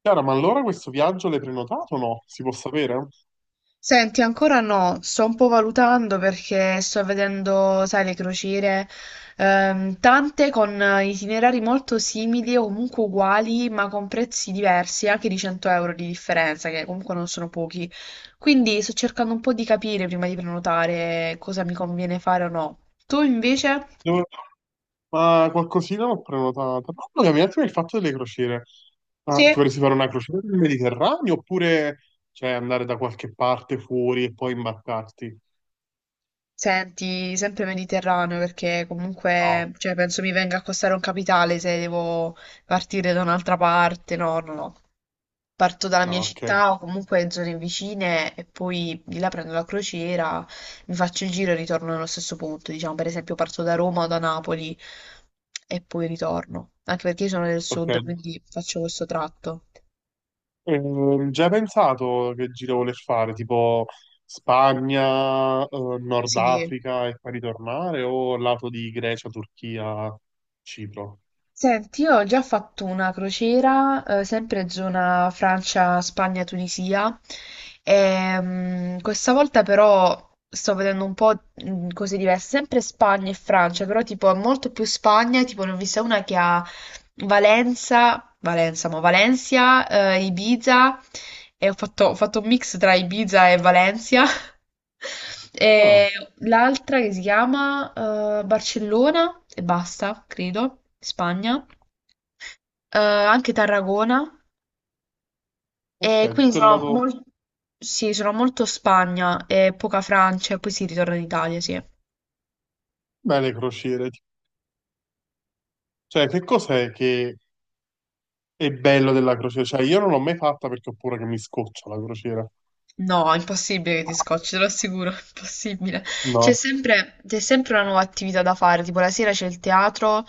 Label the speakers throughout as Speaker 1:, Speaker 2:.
Speaker 1: Chiara, ma allora questo viaggio l'hai prenotato o no? Si può sapere?
Speaker 2: Senti, ancora no, sto un po' valutando perché sto vedendo, sai, le crociere, tante con itinerari molto simili o comunque uguali, ma con prezzi diversi, anche di 100 euro di differenza, che comunque non sono pochi. Quindi sto cercando un po' di capire prima di prenotare cosa mi conviene fare o no. Tu invece?
Speaker 1: Dove- Ma qualcosina l'ho prenotata. Parlami un attimo del fatto delle crociere. Ma
Speaker 2: Sì,
Speaker 1: ti vorresti fare una crociera nel Mediterraneo oppure cioè, andare da qualche parte fuori e poi imbarcarti?
Speaker 2: senti, sempre Mediterraneo perché
Speaker 1: No,
Speaker 2: comunque, cioè, penso mi venga a costare un capitale se devo partire da un'altra parte. No, no, no. Parto dalla mia
Speaker 1: no, ok.
Speaker 2: città o comunque in zone vicine e poi di là prendo la crociera, mi faccio il giro e ritorno nello stesso punto. Diciamo, per esempio, parto da Roma o da Napoli e poi ritorno. Anche perché io sono del sud,
Speaker 1: Ok.
Speaker 2: quindi faccio questo tratto.
Speaker 1: Già hai pensato che giro voler fare? Tipo Spagna, Nord
Speaker 2: Sì.
Speaker 1: Africa e poi ritornare o lato di Grecia, Turchia, Cipro?
Speaker 2: Senti, io ho già fatto una crociera, sempre zona Francia, Spagna, Tunisia, e, questa volta però sto vedendo un po' cose diverse, sempre Spagna e Francia, però tipo molto più Spagna, tipo ne ho vista una che a Valenza, ma Valencia, Ibiza e ho fatto un mix tra Ibiza e Valencia.
Speaker 1: Ah,
Speaker 2: E l'altra che si chiama Barcellona e basta, credo, Spagna, eh, anche Tarragona. E
Speaker 1: ok,
Speaker 2: quindi
Speaker 1: tutto il lato.
Speaker 2: sì, sono molto Spagna e poca Francia e poi si ritorna in Italia, sì.
Speaker 1: Beh, le crociere. Cioè, che cos'è che è bello della crociera? Cioè, io non l'ho mai fatta perché ho paura che mi scoccia la crociera.
Speaker 2: No, impossibile che ti scocci, te lo assicuro, impossibile. C'è
Speaker 1: No.
Speaker 2: sempre, c'è sempre una nuova attività da fare, tipo la sera c'è il teatro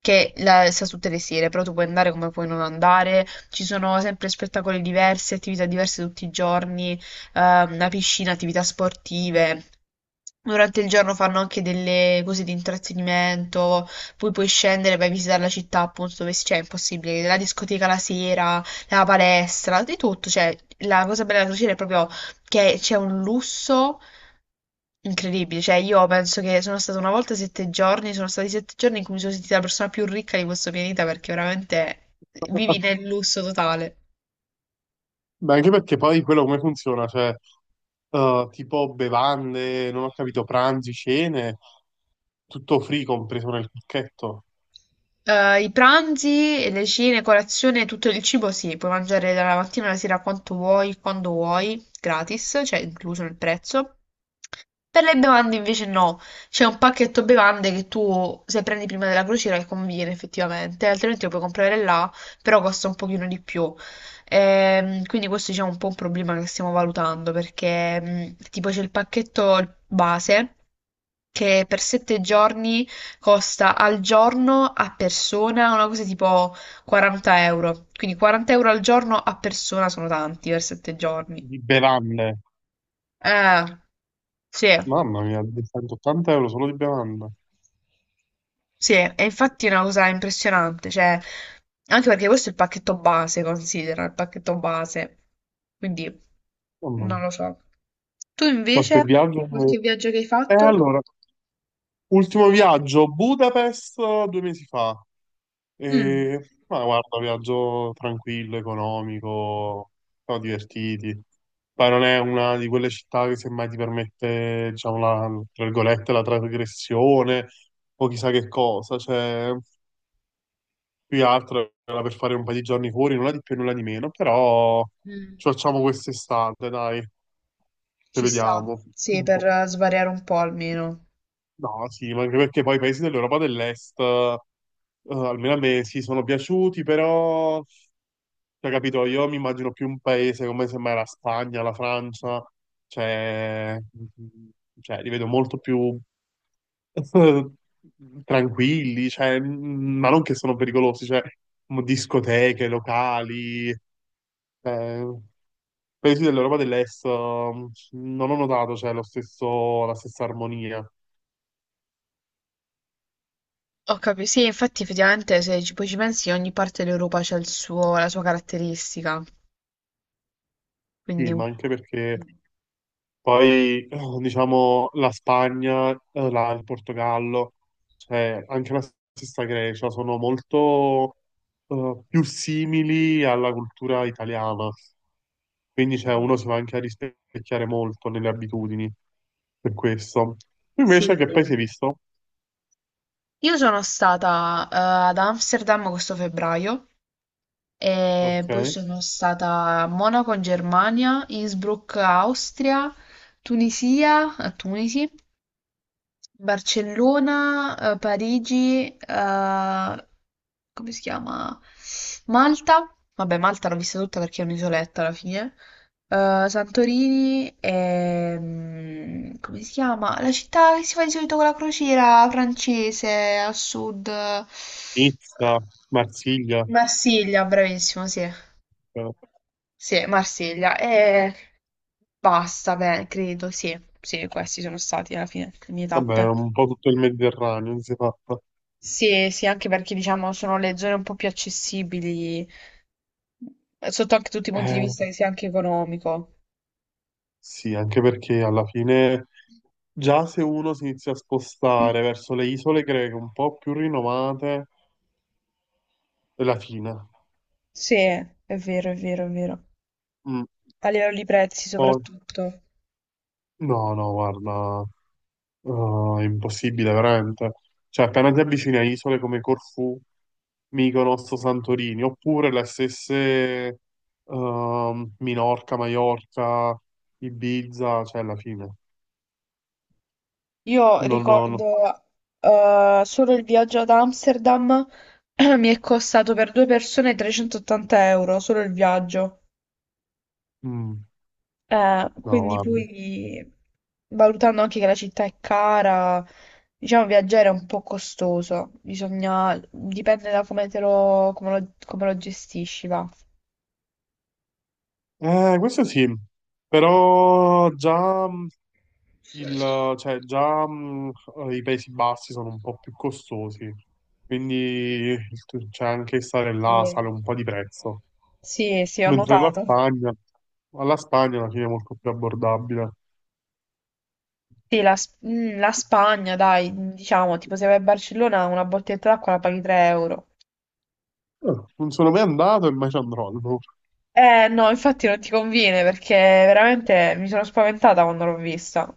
Speaker 2: che la, sta tutte le sere, però tu puoi andare come puoi non andare, ci sono sempre spettacoli diversi, attività diverse tutti i giorni, una piscina, attività sportive. Durante il giorno fanno anche delle cose di intrattenimento, poi puoi scendere e vai a visitare la città appunto dove c'è, è impossibile, la discoteca la sera, la palestra, di tutto, cioè la cosa bella della crociera è proprio che c'è un lusso incredibile, cioè io penso che sono stata una volta 7 giorni, sono stati 7 giorni in cui mi sono sentita la persona più ricca di questo pianeta perché veramente vivi nel lusso totale.
Speaker 1: Beh, anche perché poi quello come funziona? Cioè, tipo bevande, non ho capito, pranzi, cene, tutto free compreso nel pacchetto
Speaker 2: I pranzi, le cene, colazione, tutto il cibo sì, puoi mangiare dalla mattina alla sera quanto vuoi, quando vuoi, gratis, cioè incluso nel prezzo. Per le bevande invece no, c'è un pacchetto bevande che tu se prendi prima della crociera che conviene effettivamente, altrimenti lo puoi comprare là, però costa un pochino di più. Quindi questo diciamo è un po' un problema che stiamo valutando perché tipo c'è il pacchetto base che per 7 giorni costa al giorno a persona una cosa tipo 40 euro. Quindi 40 euro al giorno a persona sono tanti per 7 giorni.
Speaker 1: di bevande.
Speaker 2: Eh, sì,
Speaker 1: Mamma mia, 280 euro solo di bevande.
Speaker 2: sì, e infatti è una cosa impressionante, cioè, anche perché questo è il pacchetto base, considera, il pacchetto base. Quindi,
Speaker 1: Mamma
Speaker 2: non
Speaker 1: mia.
Speaker 2: lo so. Tu
Speaker 1: Qualche
Speaker 2: invece,
Speaker 1: viaggio?
Speaker 2: qualche viaggio che hai
Speaker 1: E
Speaker 2: fatto?
Speaker 1: allora, ultimo viaggio, Budapest due mesi fa.
Speaker 2: Mm.
Speaker 1: E, ma guarda, viaggio tranquillo, economico, siamo divertiti. Poi non è una di quelle città che semmai ti permette, diciamo, la, tra virgolette, la trasgressione o chissà che cosa. Cioè, più che altro era per fare un paio di giorni fuori, nulla di più e nulla di meno, però
Speaker 2: Mm.
Speaker 1: ci facciamo quest'estate, dai, che
Speaker 2: Ci sta,
Speaker 1: vediamo.
Speaker 2: sì,
Speaker 1: Un po'.
Speaker 2: per svariare un po' almeno.
Speaker 1: No, sì, ma anche perché poi i paesi dell'Europa dell'Est, almeno a me, sì, sono piaciuti, però, cioè, capito, io mi immagino più un paese come semmai la Spagna, la Francia, cioè, mm, cioè li vedo molto più eh, tranquilli, cioè, mm, ma non che sono pericolosi, cioè, discoteche, locali, eh, paesi dell'Europa dell'Est, non ho notato, cioè, lo stesso, la stessa armonia.
Speaker 2: Sì, infatti effettivamente se ci poi ci pensi ogni parte dell'Europa c'ha la sua caratteristica,
Speaker 1: Sì,
Speaker 2: quindi...
Speaker 1: ma anche perché
Speaker 2: Mm.
Speaker 1: poi, diciamo, la Spagna, il Portogallo, cioè anche la stessa Grecia, sono molto più simili alla cultura italiana. Quindi, cioè,
Speaker 2: Mm.
Speaker 1: uno si va anche a rispecchiare molto nelle abitudini, per questo. Invece,
Speaker 2: Sì.
Speaker 1: che paese hai visto?
Speaker 2: Io sono stata ad Amsterdam questo febbraio
Speaker 1: Ok.
Speaker 2: e poi sono stata a Monaco in Germania, Innsbruck Austria, Tunisia, a Tunisi Barcellona, Parigi, come si chiama? Malta. Vabbè, Malta l'ho vista tutta perché è un'isoletta alla fine. Santorini e... come si chiama? La città che si fa di solito con la crociera francese a sud. Eh,
Speaker 1: Nizza, Marsiglia,
Speaker 2: Marsiglia, bravissimo, sì.
Speaker 1: eh,
Speaker 2: Sì, Marsiglia. E basta, beh, credo, sì. Sì, questi sono stati alla fine le mie
Speaker 1: vabbè,
Speaker 2: tappe.
Speaker 1: un po' tutto il Mediterraneo, si è fatta.
Speaker 2: Sì, sì, anche perché diciamo sono le zone un po' più accessibili, sotto anche tutti i punti di vista
Speaker 1: Eh,
Speaker 2: che sia anche economico.
Speaker 1: sì, anche perché alla fine. Già se uno si inizia a spostare verso le isole greche un po' più rinomate, è la Cina.
Speaker 2: Sì, è vero, è vero, è vero.
Speaker 1: Mm.
Speaker 2: A livello di prezzi
Speaker 1: Poi,
Speaker 2: soprattutto.
Speaker 1: no, no, guarda, è impossibile veramente. Cioè, appena ti avvicini a isole come Corfù, Mykonos, Santorini, oppure le stesse Minorca, Maiorca, Ibiza, cioè alla fine.
Speaker 2: Io
Speaker 1: Non, no, no.
Speaker 2: ricordo solo il viaggio ad Amsterdam mi è costato per due persone 380 euro, solo il viaggio.
Speaker 1: Mm, no,
Speaker 2: Quindi
Speaker 1: guarda.
Speaker 2: poi, valutando anche che la città è cara, diciamo viaggiare è un po' costoso, bisogna, dipende da come te lo, come lo gestisci, va.
Speaker 1: Questo sì, però già mm, Il, cioè, già i Paesi Bassi sono un po' più costosi, quindi il- cioè, anche stare
Speaker 2: Sì,
Speaker 1: là sale un po' di prezzo.
Speaker 2: sì, sì, ho
Speaker 1: Mentre la
Speaker 2: notato.
Speaker 1: Spagna alla fine è molto più abbordabile.
Speaker 2: Mm, la Spagna, dai, diciamo, tipo se vai a Barcellona una bottiglietta d'acqua la paghi 3 euro.
Speaker 1: Eh, Non sono mai andato e mai ci andrò. No.
Speaker 2: Eh no, infatti non ti conviene perché veramente mi sono spaventata quando l'ho vista.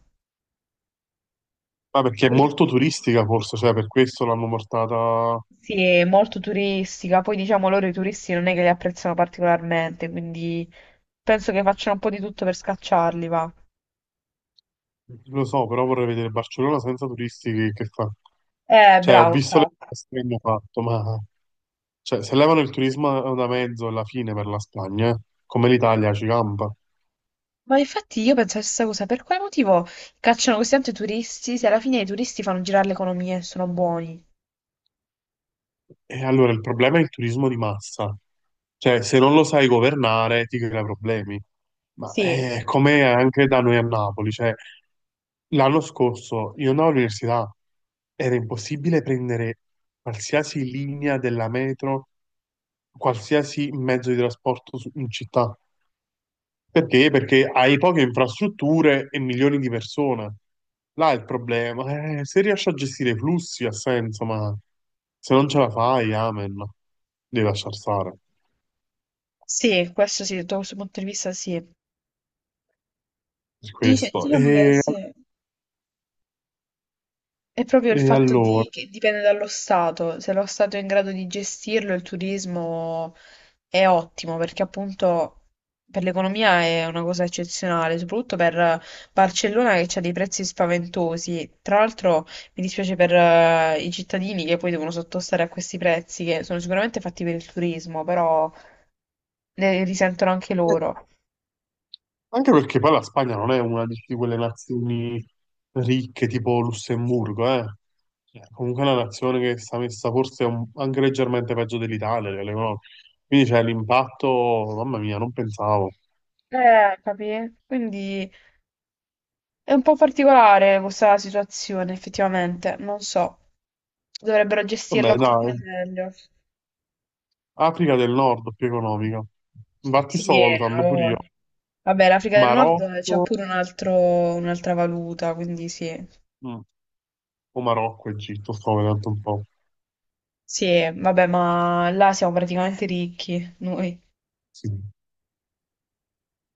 Speaker 1: Ma perché è
Speaker 2: Poi-
Speaker 1: molto turistica, forse, cioè, per questo l'hanno portata.
Speaker 2: Sì, è molto turistica, poi diciamo loro i turisti non è che li apprezzano particolarmente, quindi penso che facciano un po' di tutto per scacciarli, va.
Speaker 1: Lo so, però vorrei vedere Barcellona senza turisti che fa. Cioè, ho
Speaker 2: Bravo,
Speaker 1: visto le
Speaker 2: esatto.
Speaker 1: cose che hanno fatto, ma cioè, se levano il turismo da mezzo alla fine per la Spagna, come l'Italia ci campa.
Speaker 2: Ma infatti io penso la stessa cosa, per quale motivo cacciano così tanto i turisti se alla fine i turisti fanno girare l'economia e sono buoni?
Speaker 1: E allora il problema è il turismo di massa, cioè se non lo sai governare ti crea problemi, ma
Speaker 2: Sì,
Speaker 1: è come anche da noi a Napoli, cioè l'anno scorso io andavo all'università, era impossibile prendere qualsiasi linea della metro, qualsiasi mezzo di trasporto in città, perché? Perché hai poche infrastrutture e milioni di persone. Là è il problema. Se riesci a gestire i flussi ha senso, ma se non ce la fai, amen. Devi lasciar stare.
Speaker 2: sì, questo sì, da questo punto di vista sì.
Speaker 1: Per questo.
Speaker 2: Diciamo che sì. È proprio il
Speaker 1: E
Speaker 2: fatto
Speaker 1: allora,
Speaker 2: di, che dipende dallo Stato, se lo Stato è in grado di gestirlo, il turismo è ottimo perché appunto per l'economia è una cosa eccezionale, soprattutto per Barcellona che ha dei prezzi spaventosi. Tra l'altro mi dispiace per i cittadini che poi devono sottostare a questi prezzi che sono sicuramente fatti per il turismo, però ne risentono anche
Speaker 1: eh,
Speaker 2: loro.
Speaker 1: anche perché poi la Spagna non è una di quelle nazioni ricche tipo Lussemburgo, eh. Cioè, comunque è una nazione che sta messa forse anche leggermente peggio dell'Italia, delle cose. Quindi c'è l'impatto, mamma mia, non pensavo.
Speaker 2: Capì? Quindi è un po' particolare questa situazione, effettivamente, non so. Dovrebbero gestirla
Speaker 1: Vabbè,
Speaker 2: un pochino
Speaker 1: dai.
Speaker 2: meglio.
Speaker 1: Africa del Nord più economica. Infatti sto
Speaker 2: Sì, ha
Speaker 1: valutando pure io.
Speaker 2: voglia. Vabbè, l'Africa del Nord c'ha
Speaker 1: Marocco,
Speaker 2: pure un'altra valuta, quindi sì.
Speaker 1: mm, o Marocco, Egitto, sto vedendo un po'.
Speaker 2: Sì, vabbè, ma là siamo praticamente ricchi, noi.
Speaker 1: Sì.